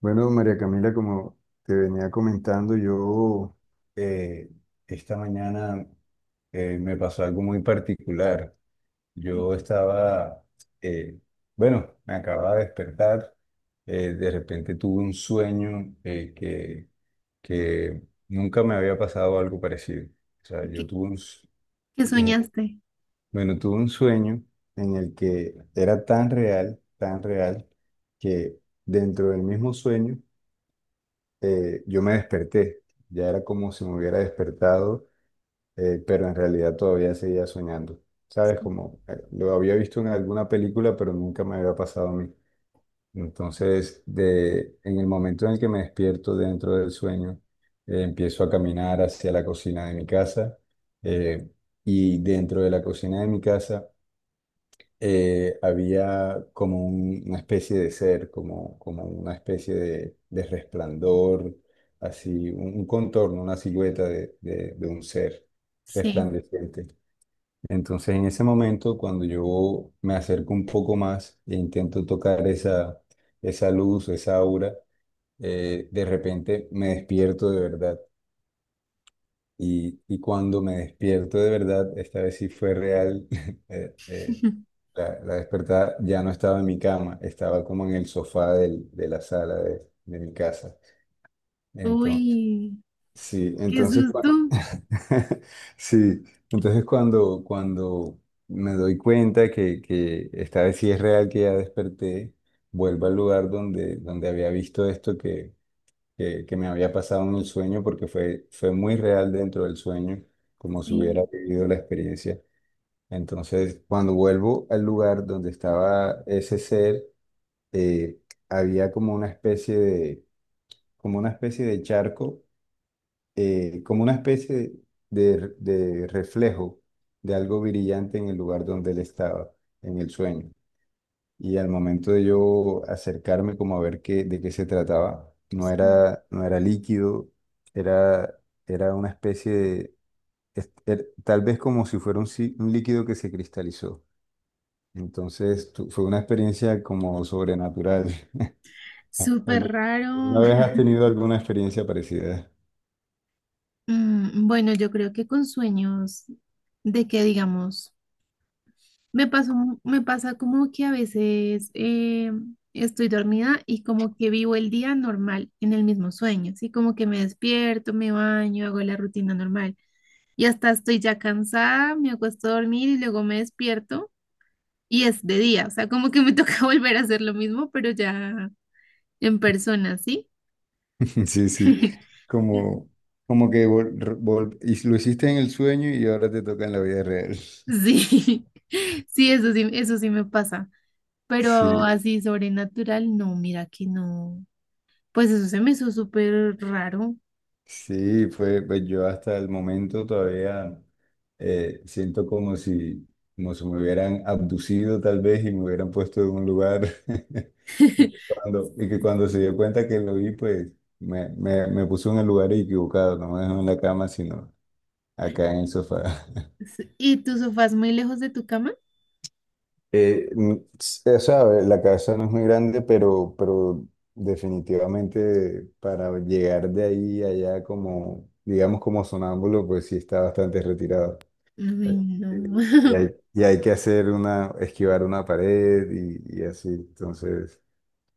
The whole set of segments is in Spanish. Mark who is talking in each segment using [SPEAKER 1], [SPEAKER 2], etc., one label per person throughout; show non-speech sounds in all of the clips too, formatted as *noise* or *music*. [SPEAKER 1] Bueno, María Camila, como te venía comentando, yo eh, esta mañana me pasó algo muy particular. Yo estaba, eh, bueno, me acababa de despertar, de repente tuve un sueño que nunca me había pasado algo parecido. O sea, yo
[SPEAKER 2] ¿Qué,
[SPEAKER 1] tuve un, s-
[SPEAKER 2] qué
[SPEAKER 1] eh,
[SPEAKER 2] soñaste?
[SPEAKER 1] bueno, tuve un sueño en el que era tan real, que dentro del mismo sueño, yo me desperté, ya era como si me hubiera despertado, pero en realidad todavía seguía soñando, ¿sabes? Como lo había visto en alguna película, pero nunca me había pasado a mí. Entonces, en el momento en el que me despierto dentro del sueño, empiezo a caminar hacia la cocina de mi casa, eh, y dentro de la cocina de mi casa había como una especie de ser, como una especie de resplandor, así, un contorno, una silueta de, de un ser
[SPEAKER 2] Sí.
[SPEAKER 1] resplandeciente. Entonces, en ese momento, cuando yo me acerco un poco más e intento tocar esa, esa luz, esa aura, de repente me despierto de verdad. Y cuando me despierto de verdad, esta vez sí fue real, *laughs* eh, eh,
[SPEAKER 2] *laughs*
[SPEAKER 1] la, la despertada ya no estaba en mi cama, estaba como en el sofá de la sala de mi casa. Entonces,
[SPEAKER 2] Uy,
[SPEAKER 1] sí,
[SPEAKER 2] qué
[SPEAKER 1] entonces,
[SPEAKER 2] susto.
[SPEAKER 1] *laughs* sí, entonces cuando me doy cuenta que esta vez sí es real, que ya desperté, vuelvo al lugar donde había visto esto que me había pasado en el sueño, porque fue, fue muy real dentro del sueño, como si hubiera
[SPEAKER 2] Sí,
[SPEAKER 1] vivido la experiencia. Entonces, cuando vuelvo al lugar donde estaba ese ser, eh, había como una especie de, como una especie de charco, como una especie de reflejo de algo brillante en el lugar donde él estaba, en el sueño. Y al momento de yo acercarme como a ver qué, de qué se trataba,
[SPEAKER 2] sí.
[SPEAKER 1] no era líquido, era, era una especie de, tal vez como si fuera un, si- un líquido que se cristalizó. Entonces fue una experiencia como sobrenatural. *laughs*
[SPEAKER 2] Súper
[SPEAKER 1] ¿Algu-
[SPEAKER 2] raro.
[SPEAKER 1] ¿Alguna vez has tenido alguna experiencia parecida?
[SPEAKER 2] Mm, bueno, yo creo que con sueños de que digamos, me pasó, me pasa como que a veces estoy dormida y como que vivo el día normal en el mismo sueño, así como que me despierto, me baño, hago la rutina normal y hasta estoy ya cansada, me acuesto a dormir y luego me despierto. Y es de día, o sea, como que me toca *laughs* volver a hacer lo mismo, pero ya en persona, ¿sí?
[SPEAKER 1] *laughs* Sí, sí,
[SPEAKER 2] *laughs*
[SPEAKER 1] como, como que y lo hiciste en el sueño y ahora te toca en la vida real. *laughs*
[SPEAKER 2] Sí, *laughs* sí, eso sí, eso sí me pasa. Pero
[SPEAKER 1] Sí.
[SPEAKER 2] así sobrenatural, no, mira que no. Pues eso se me hizo súper raro.
[SPEAKER 1] Sí, fue, pues yo hasta el momento todavía siento como si me hubieran abducido tal vez y me hubieran puesto en un lugar *laughs* y,
[SPEAKER 2] *laughs*
[SPEAKER 1] cuando, y que cuando se dio cuenta que lo vi, pues me puso en el lugar equivocado, no me dejó en la cama, sino acá en el sofá. *laughs*
[SPEAKER 2] Sí, ¿y tu sofá es muy lejos de tu cama?
[SPEAKER 1] O sea, la casa no es muy grande, pero definitivamente para llegar de ahí a allá como, digamos como sonámbulo, pues sí está bastante retirado.
[SPEAKER 2] Ay,
[SPEAKER 1] eh,
[SPEAKER 2] no.
[SPEAKER 1] Y,
[SPEAKER 2] *laughs*
[SPEAKER 1] y hay que hacer una, esquivar una pared y así. Entonces,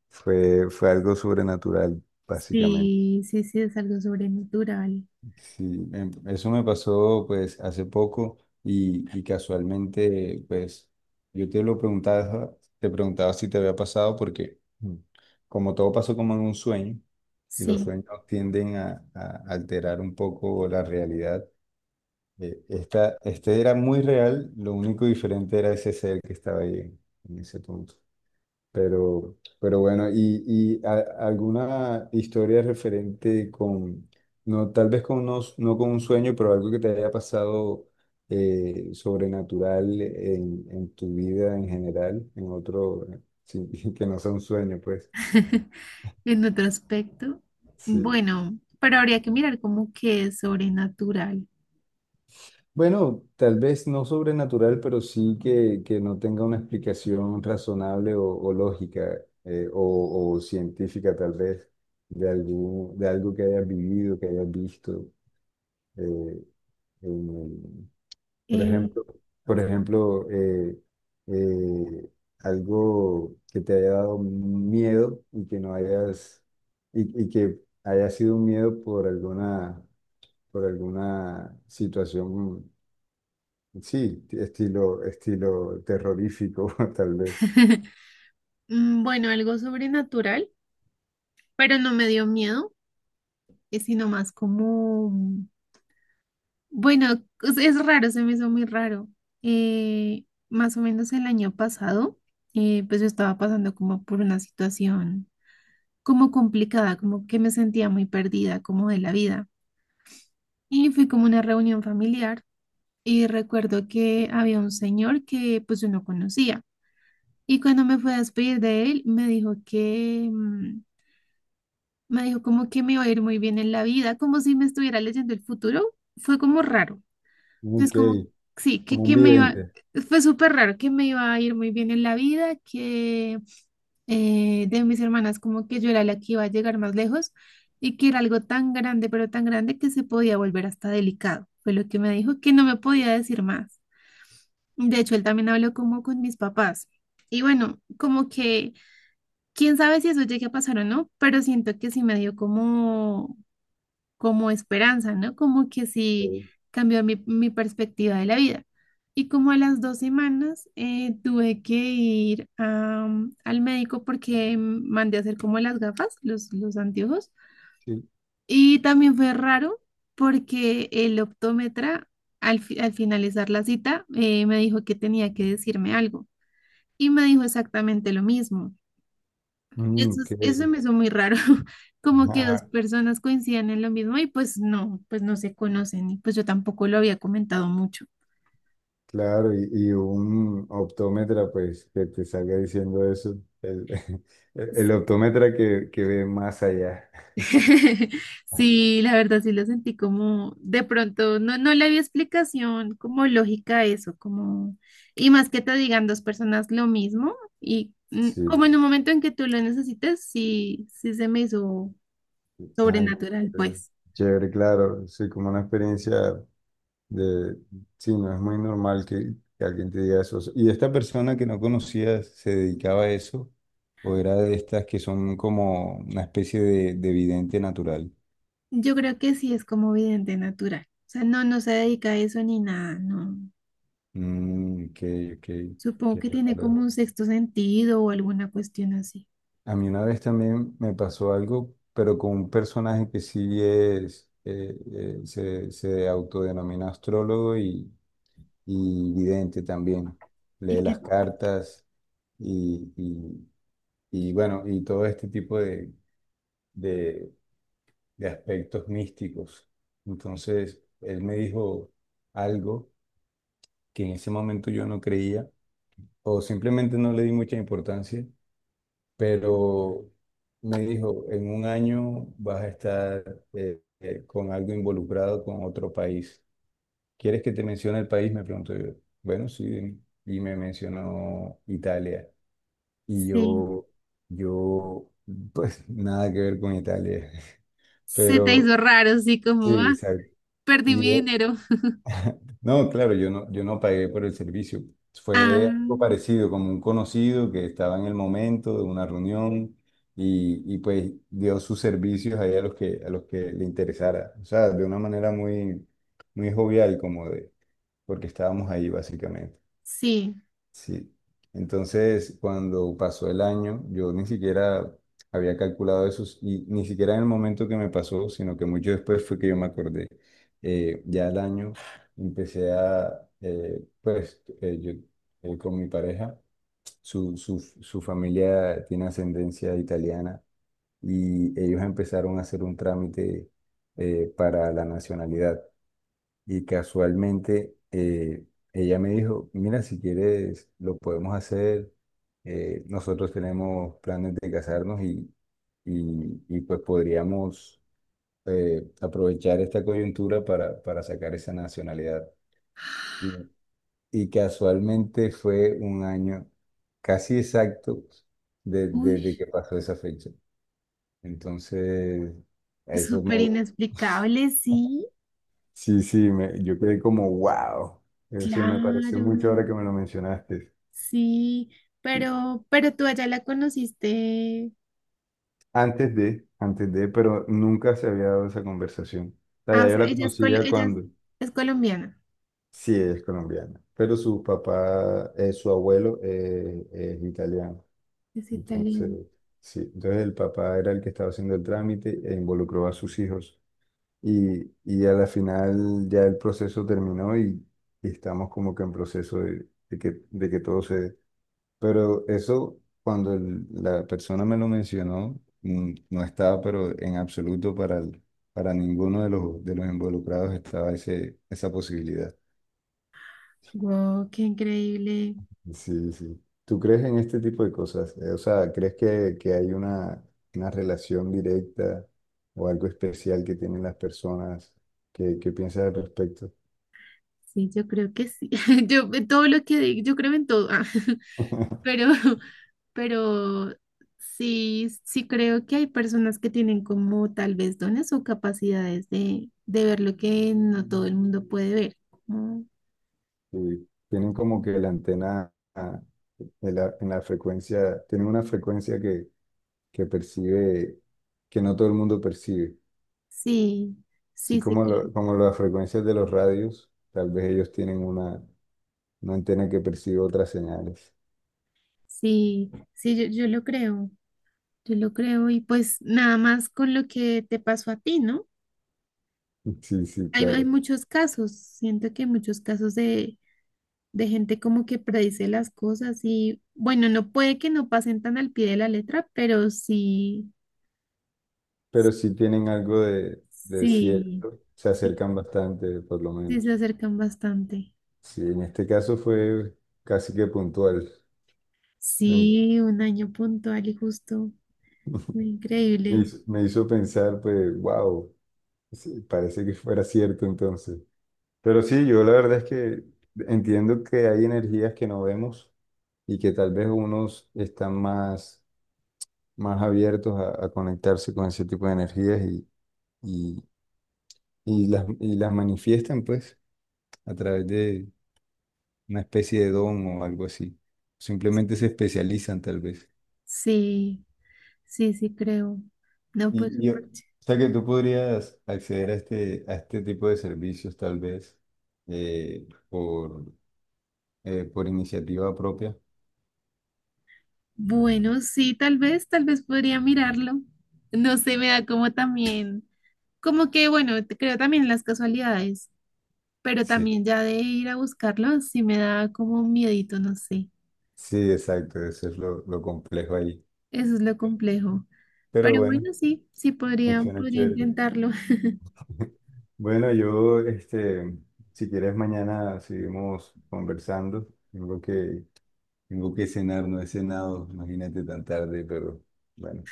[SPEAKER 1] fue, fue algo sobrenatural, básicamente.
[SPEAKER 2] Sí, sí, sí, es algo sobrenatural.
[SPEAKER 1] Sí, eso me pasó pues hace poco y casualmente, pues yo te lo preguntaba, te preguntaba si te había pasado porque como todo pasó como en un sueño y los
[SPEAKER 2] Sí.
[SPEAKER 1] sueños tienden a alterar un poco la realidad. Este era muy real, lo único diferente era ese ser que estaba ahí en ese punto. Pero bueno, y, y a- alguna historia referente con, no, tal vez no con un sueño, pero algo que te haya pasado sobrenatural en tu vida en general, en otro, sí, *laughs* que no sea un sueño, pues.
[SPEAKER 2] *laughs* En otro aspecto.
[SPEAKER 1] Sí.
[SPEAKER 2] Bueno, pero habría que mirar como que es sobrenatural.
[SPEAKER 1] Bueno, tal vez no sobrenatural, pero sí que no tenga una explicación razonable o lógica o científica tal vez de, algún, de algo que hayas vivido, que hayas visto. eh, en- por
[SPEAKER 2] Eh,
[SPEAKER 1] ejemplo, por ejemplo eh, algo que te haya dado miedo y que no hayas, y que haya sido un miedo por alguna situación. Sí, estilo, estilo terrorífico, *laughs* tal vez.
[SPEAKER 2] *laughs* mm, bueno, algo sobrenatural, pero no me dio miedo, sino más como, bueno, es raro, se me hizo muy raro. Más o menos el año pasado, pues yo estaba pasando como por una situación como complicada, como que me sentía muy perdida, como de la vida. Y fui como a una reunión familiar y recuerdo que había un señor que pues yo no conocía. Y cuando me fui a despedir de él, me dijo que, mm, me dijo como que me iba a ir muy bien en la vida, como si me estuviera leyendo el futuro. Fue como raro. Es
[SPEAKER 1] Ok,
[SPEAKER 2] como, sí,
[SPEAKER 1] como un
[SPEAKER 2] que me iba,
[SPEAKER 1] vidente.
[SPEAKER 2] fue súper raro, que me iba a ir muy bien en la vida, que de mis hermanas como que yo era la que iba a llegar más lejos y que era algo tan grande, pero tan grande que se podía volver hasta delicado. Fue lo que me dijo, que no me podía decir más. De hecho, él también habló como con mis papás. Y bueno, como que... Quién sabe si eso llegue a pasar o no, pero siento que sí me dio como como esperanza, ¿no? Como que sí
[SPEAKER 1] eh,
[SPEAKER 2] cambió mi perspectiva de la vida. Y como a las dos semanas tuve que ir a, mm, al médico porque mandé a hacer como las gafas, los anteojos.
[SPEAKER 1] Sí.
[SPEAKER 2] Y también fue raro porque el optómetra al finalizar la cita me dijo que tenía que decirme algo. Y me dijo exactamente lo mismo.
[SPEAKER 1] Mm,
[SPEAKER 2] Eso,
[SPEAKER 1] ok,
[SPEAKER 2] eso me hizo muy raro, *laughs* como que dos
[SPEAKER 1] ajá,
[SPEAKER 2] personas coincidan en lo mismo y pues no se conocen y pues yo tampoco lo había comentado mucho.
[SPEAKER 1] claro, y un optómetra, pues, que te salga diciendo eso. El, *laughs* el optómetra que ve más allá.
[SPEAKER 2] *laughs* Sí, la verdad sí lo sentí como de pronto, no, no le había explicación como lógica a eso, como, y más que te digan dos personas lo mismo y mm, como en
[SPEAKER 1] Sí,
[SPEAKER 2] un momento en que tú lo necesites, sí, sí se me hizo
[SPEAKER 1] ah, qué
[SPEAKER 2] sobrenatural,
[SPEAKER 1] chévere,
[SPEAKER 2] pues.
[SPEAKER 1] chévere, claro, sí, como una experiencia de, sí, no es muy normal que alguien te diga eso. ¿Y esta persona que no conocías se dedicaba a eso? ¿O era de estas que son como una especie de vidente natural?
[SPEAKER 2] Yo creo que sí es como vidente natural. O sea, no, no se dedica a eso ni nada, no.
[SPEAKER 1] Mm,
[SPEAKER 2] Supongo
[SPEAKER 1] qué
[SPEAKER 2] que tiene como
[SPEAKER 1] raro.
[SPEAKER 2] un sexto sentido o alguna cuestión así.
[SPEAKER 1] A mí una vez también me pasó algo, pero con un personaje que sí es, se, se autodenomina astrólogo y vidente también.
[SPEAKER 2] Y
[SPEAKER 1] Lee
[SPEAKER 2] que
[SPEAKER 1] las cartas y, y, y bueno, y todo este tipo de, de aspectos místicos. Entonces, él me dijo algo que en ese momento yo no creía o simplemente no le di mucha importancia, pero me dijo, en un año vas a estar con algo involucrado con otro país. ¿Quieres que te mencione el país? Me preguntó yo. Bueno, sí, dime. Y me mencionó Italia. Y
[SPEAKER 2] sí,
[SPEAKER 1] yo, pues *laughs* nada que ver con Italia, *laughs*
[SPEAKER 2] se te
[SPEAKER 1] pero
[SPEAKER 2] hizo raro, así
[SPEAKER 1] sí,
[SPEAKER 2] como, ah,
[SPEAKER 1] exacto.
[SPEAKER 2] perdí
[SPEAKER 1] Y
[SPEAKER 2] mi dinero.
[SPEAKER 1] no, claro, yo no pagué por el servicio. Fue algo
[SPEAKER 2] Ah,
[SPEAKER 1] parecido, como un conocido que estaba en el momento de una reunión y pues dio sus servicios ahí a los que le interesara. O sea, de una manera muy, muy jovial, como de, porque estábamos ahí básicamente.
[SPEAKER 2] sí.
[SPEAKER 1] Sí. Entonces, cuando pasó el año, yo ni siquiera había calculado eso y ni siquiera en el momento que me pasó, sino que mucho después fue que yo me acordé. Ya el año empecé a, pues, yo con mi pareja, su familia tiene ascendencia italiana y ellos empezaron a hacer un trámite, para la nacionalidad. Y casualmente ella me dijo, mira, si quieres, lo podemos hacer. Nosotros tenemos planes de casarnos y, pues podríamos aprovechar esta coyuntura para sacar esa nacionalidad. Y, y casualmente fue un año casi exacto desde
[SPEAKER 2] Uy,
[SPEAKER 1] que pasó esa fecha. Entonces, eso
[SPEAKER 2] súper
[SPEAKER 1] me... *laughs*
[SPEAKER 2] inexplicable, sí,
[SPEAKER 1] Sí, sí, yo quedé como wow. Eso me pareció mucho
[SPEAKER 2] claro,
[SPEAKER 1] ahora que me lo mencionaste.
[SPEAKER 2] sí.
[SPEAKER 1] Y
[SPEAKER 2] Pero tú allá la conociste.
[SPEAKER 1] antes de, antes de, pero nunca se había dado esa conversación. O sea,
[SPEAKER 2] Ah, o
[SPEAKER 1] ya yo
[SPEAKER 2] sea,
[SPEAKER 1] la conocía
[SPEAKER 2] ella es
[SPEAKER 1] cuando,
[SPEAKER 2] colombiana.
[SPEAKER 1] sí, ella es colombiana, pero su papá, su abuelo es italiano.
[SPEAKER 2] Es
[SPEAKER 1] Entonces,
[SPEAKER 2] italiana.
[SPEAKER 1] sí, entonces el papá era el que estaba haciendo el trámite e involucró a sus hijos. Y a la final ya el proceso terminó y estamos como que en proceso de, de que todo se dé. Pero eso, cuando la persona me lo mencionó, mm, no estaba, pero en absoluto para, para ninguno de los involucrados estaba ese, esa posibilidad.
[SPEAKER 2] Wow, qué increíble.
[SPEAKER 1] Sí, sí. ¿Tú crees en este tipo de cosas? O sea, ¿crees que hay una relación directa o algo especial que tienen las personas? ¿Qué, qué piensas al respecto?
[SPEAKER 2] Sí, yo creo que sí. *laughs* Yo en todo lo que digo, yo creo en todo. Ah, *laughs*
[SPEAKER 1] *laughs*
[SPEAKER 2] pero *laughs* pero sí, sí creo que hay personas que tienen como tal vez dones o capacidades de ver lo que no todo el mundo puede ver. Como...
[SPEAKER 1] Sí, tienen como que la antena, ah, en la frecuencia, tienen una frecuencia que percibe, que no todo el mundo percibe.
[SPEAKER 2] Sí,
[SPEAKER 1] Así
[SPEAKER 2] sí, sí,
[SPEAKER 1] como,
[SPEAKER 2] que...
[SPEAKER 1] lo- como las frecuencias de los radios, tal vez ellos tienen una antena que percibe otras señales.
[SPEAKER 2] sí, sí, yo lo creo y pues nada más con lo que te pasó a ti, ¿no?
[SPEAKER 1] *laughs* Sí, sí,
[SPEAKER 2] Hay
[SPEAKER 1] claro.
[SPEAKER 2] muchos casos, siento que hay muchos casos de gente como que predice las cosas y bueno, no puede que no pasen tan al pie de la letra, pero sí.
[SPEAKER 1] Pero sí tienen algo de
[SPEAKER 2] Sí,
[SPEAKER 1] cierto, se
[SPEAKER 2] sí,
[SPEAKER 1] acercan bastante, por lo
[SPEAKER 2] sí se
[SPEAKER 1] menos.
[SPEAKER 2] acercan bastante.
[SPEAKER 1] Sí, en este caso fue casi que puntual. Me
[SPEAKER 2] Sí, un año puntual y justo. Increíble.
[SPEAKER 1] me hizo pensar, pues, wow, parece que fuera cierto entonces. Pero sí, yo la verdad es que entiendo que hay energías que no vemos y que tal vez unos están más, más abiertos a conectarse con ese tipo de energías y, y las manifiestan pues a través de una especie de don o algo así. Simplemente se especializan tal vez.
[SPEAKER 2] Sí, sí, sí creo. No, pues
[SPEAKER 1] Y, o
[SPEAKER 2] súper ch...
[SPEAKER 1] sea que tú podrías acceder a este tipo de servicios tal vez eh, por, por iniciativa propia.
[SPEAKER 2] Bueno, sí, tal vez podría mirarlo. No sé, me da como también, como que bueno, te... creo también en las casualidades, pero
[SPEAKER 1] Sí,
[SPEAKER 2] también ya de ir a buscarlo, sí me da como un miedito, no sé.
[SPEAKER 1] sí, exacto, eso es lo complejo ahí.
[SPEAKER 2] Eso es lo complejo.
[SPEAKER 1] Pero
[SPEAKER 2] Pero
[SPEAKER 1] bueno,
[SPEAKER 2] bueno, sí, sí podría,
[SPEAKER 1] funciona
[SPEAKER 2] podría
[SPEAKER 1] chévere.
[SPEAKER 2] intentarlo.
[SPEAKER 1] Bueno, yo, este, si quieres mañana seguimos conversando. Tengo que, tengo que cenar, no he cenado, imagínate tan tarde, pero bueno,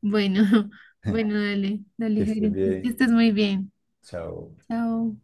[SPEAKER 2] Bueno, *laughs* bueno, dale,
[SPEAKER 1] *laughs*
[SPEAKER 2] dale,
[SPEAKER 1] que
[SPEAKER 2] Jairo.
[SPEAKER 1] estés
[SPEAKER 2] Entonces, que
[SPEAKER 1] bien.
[SPEAKER 2] estés muy bien.
[SPEAKER 1] Chao.
[SPEAKER 2] Chao.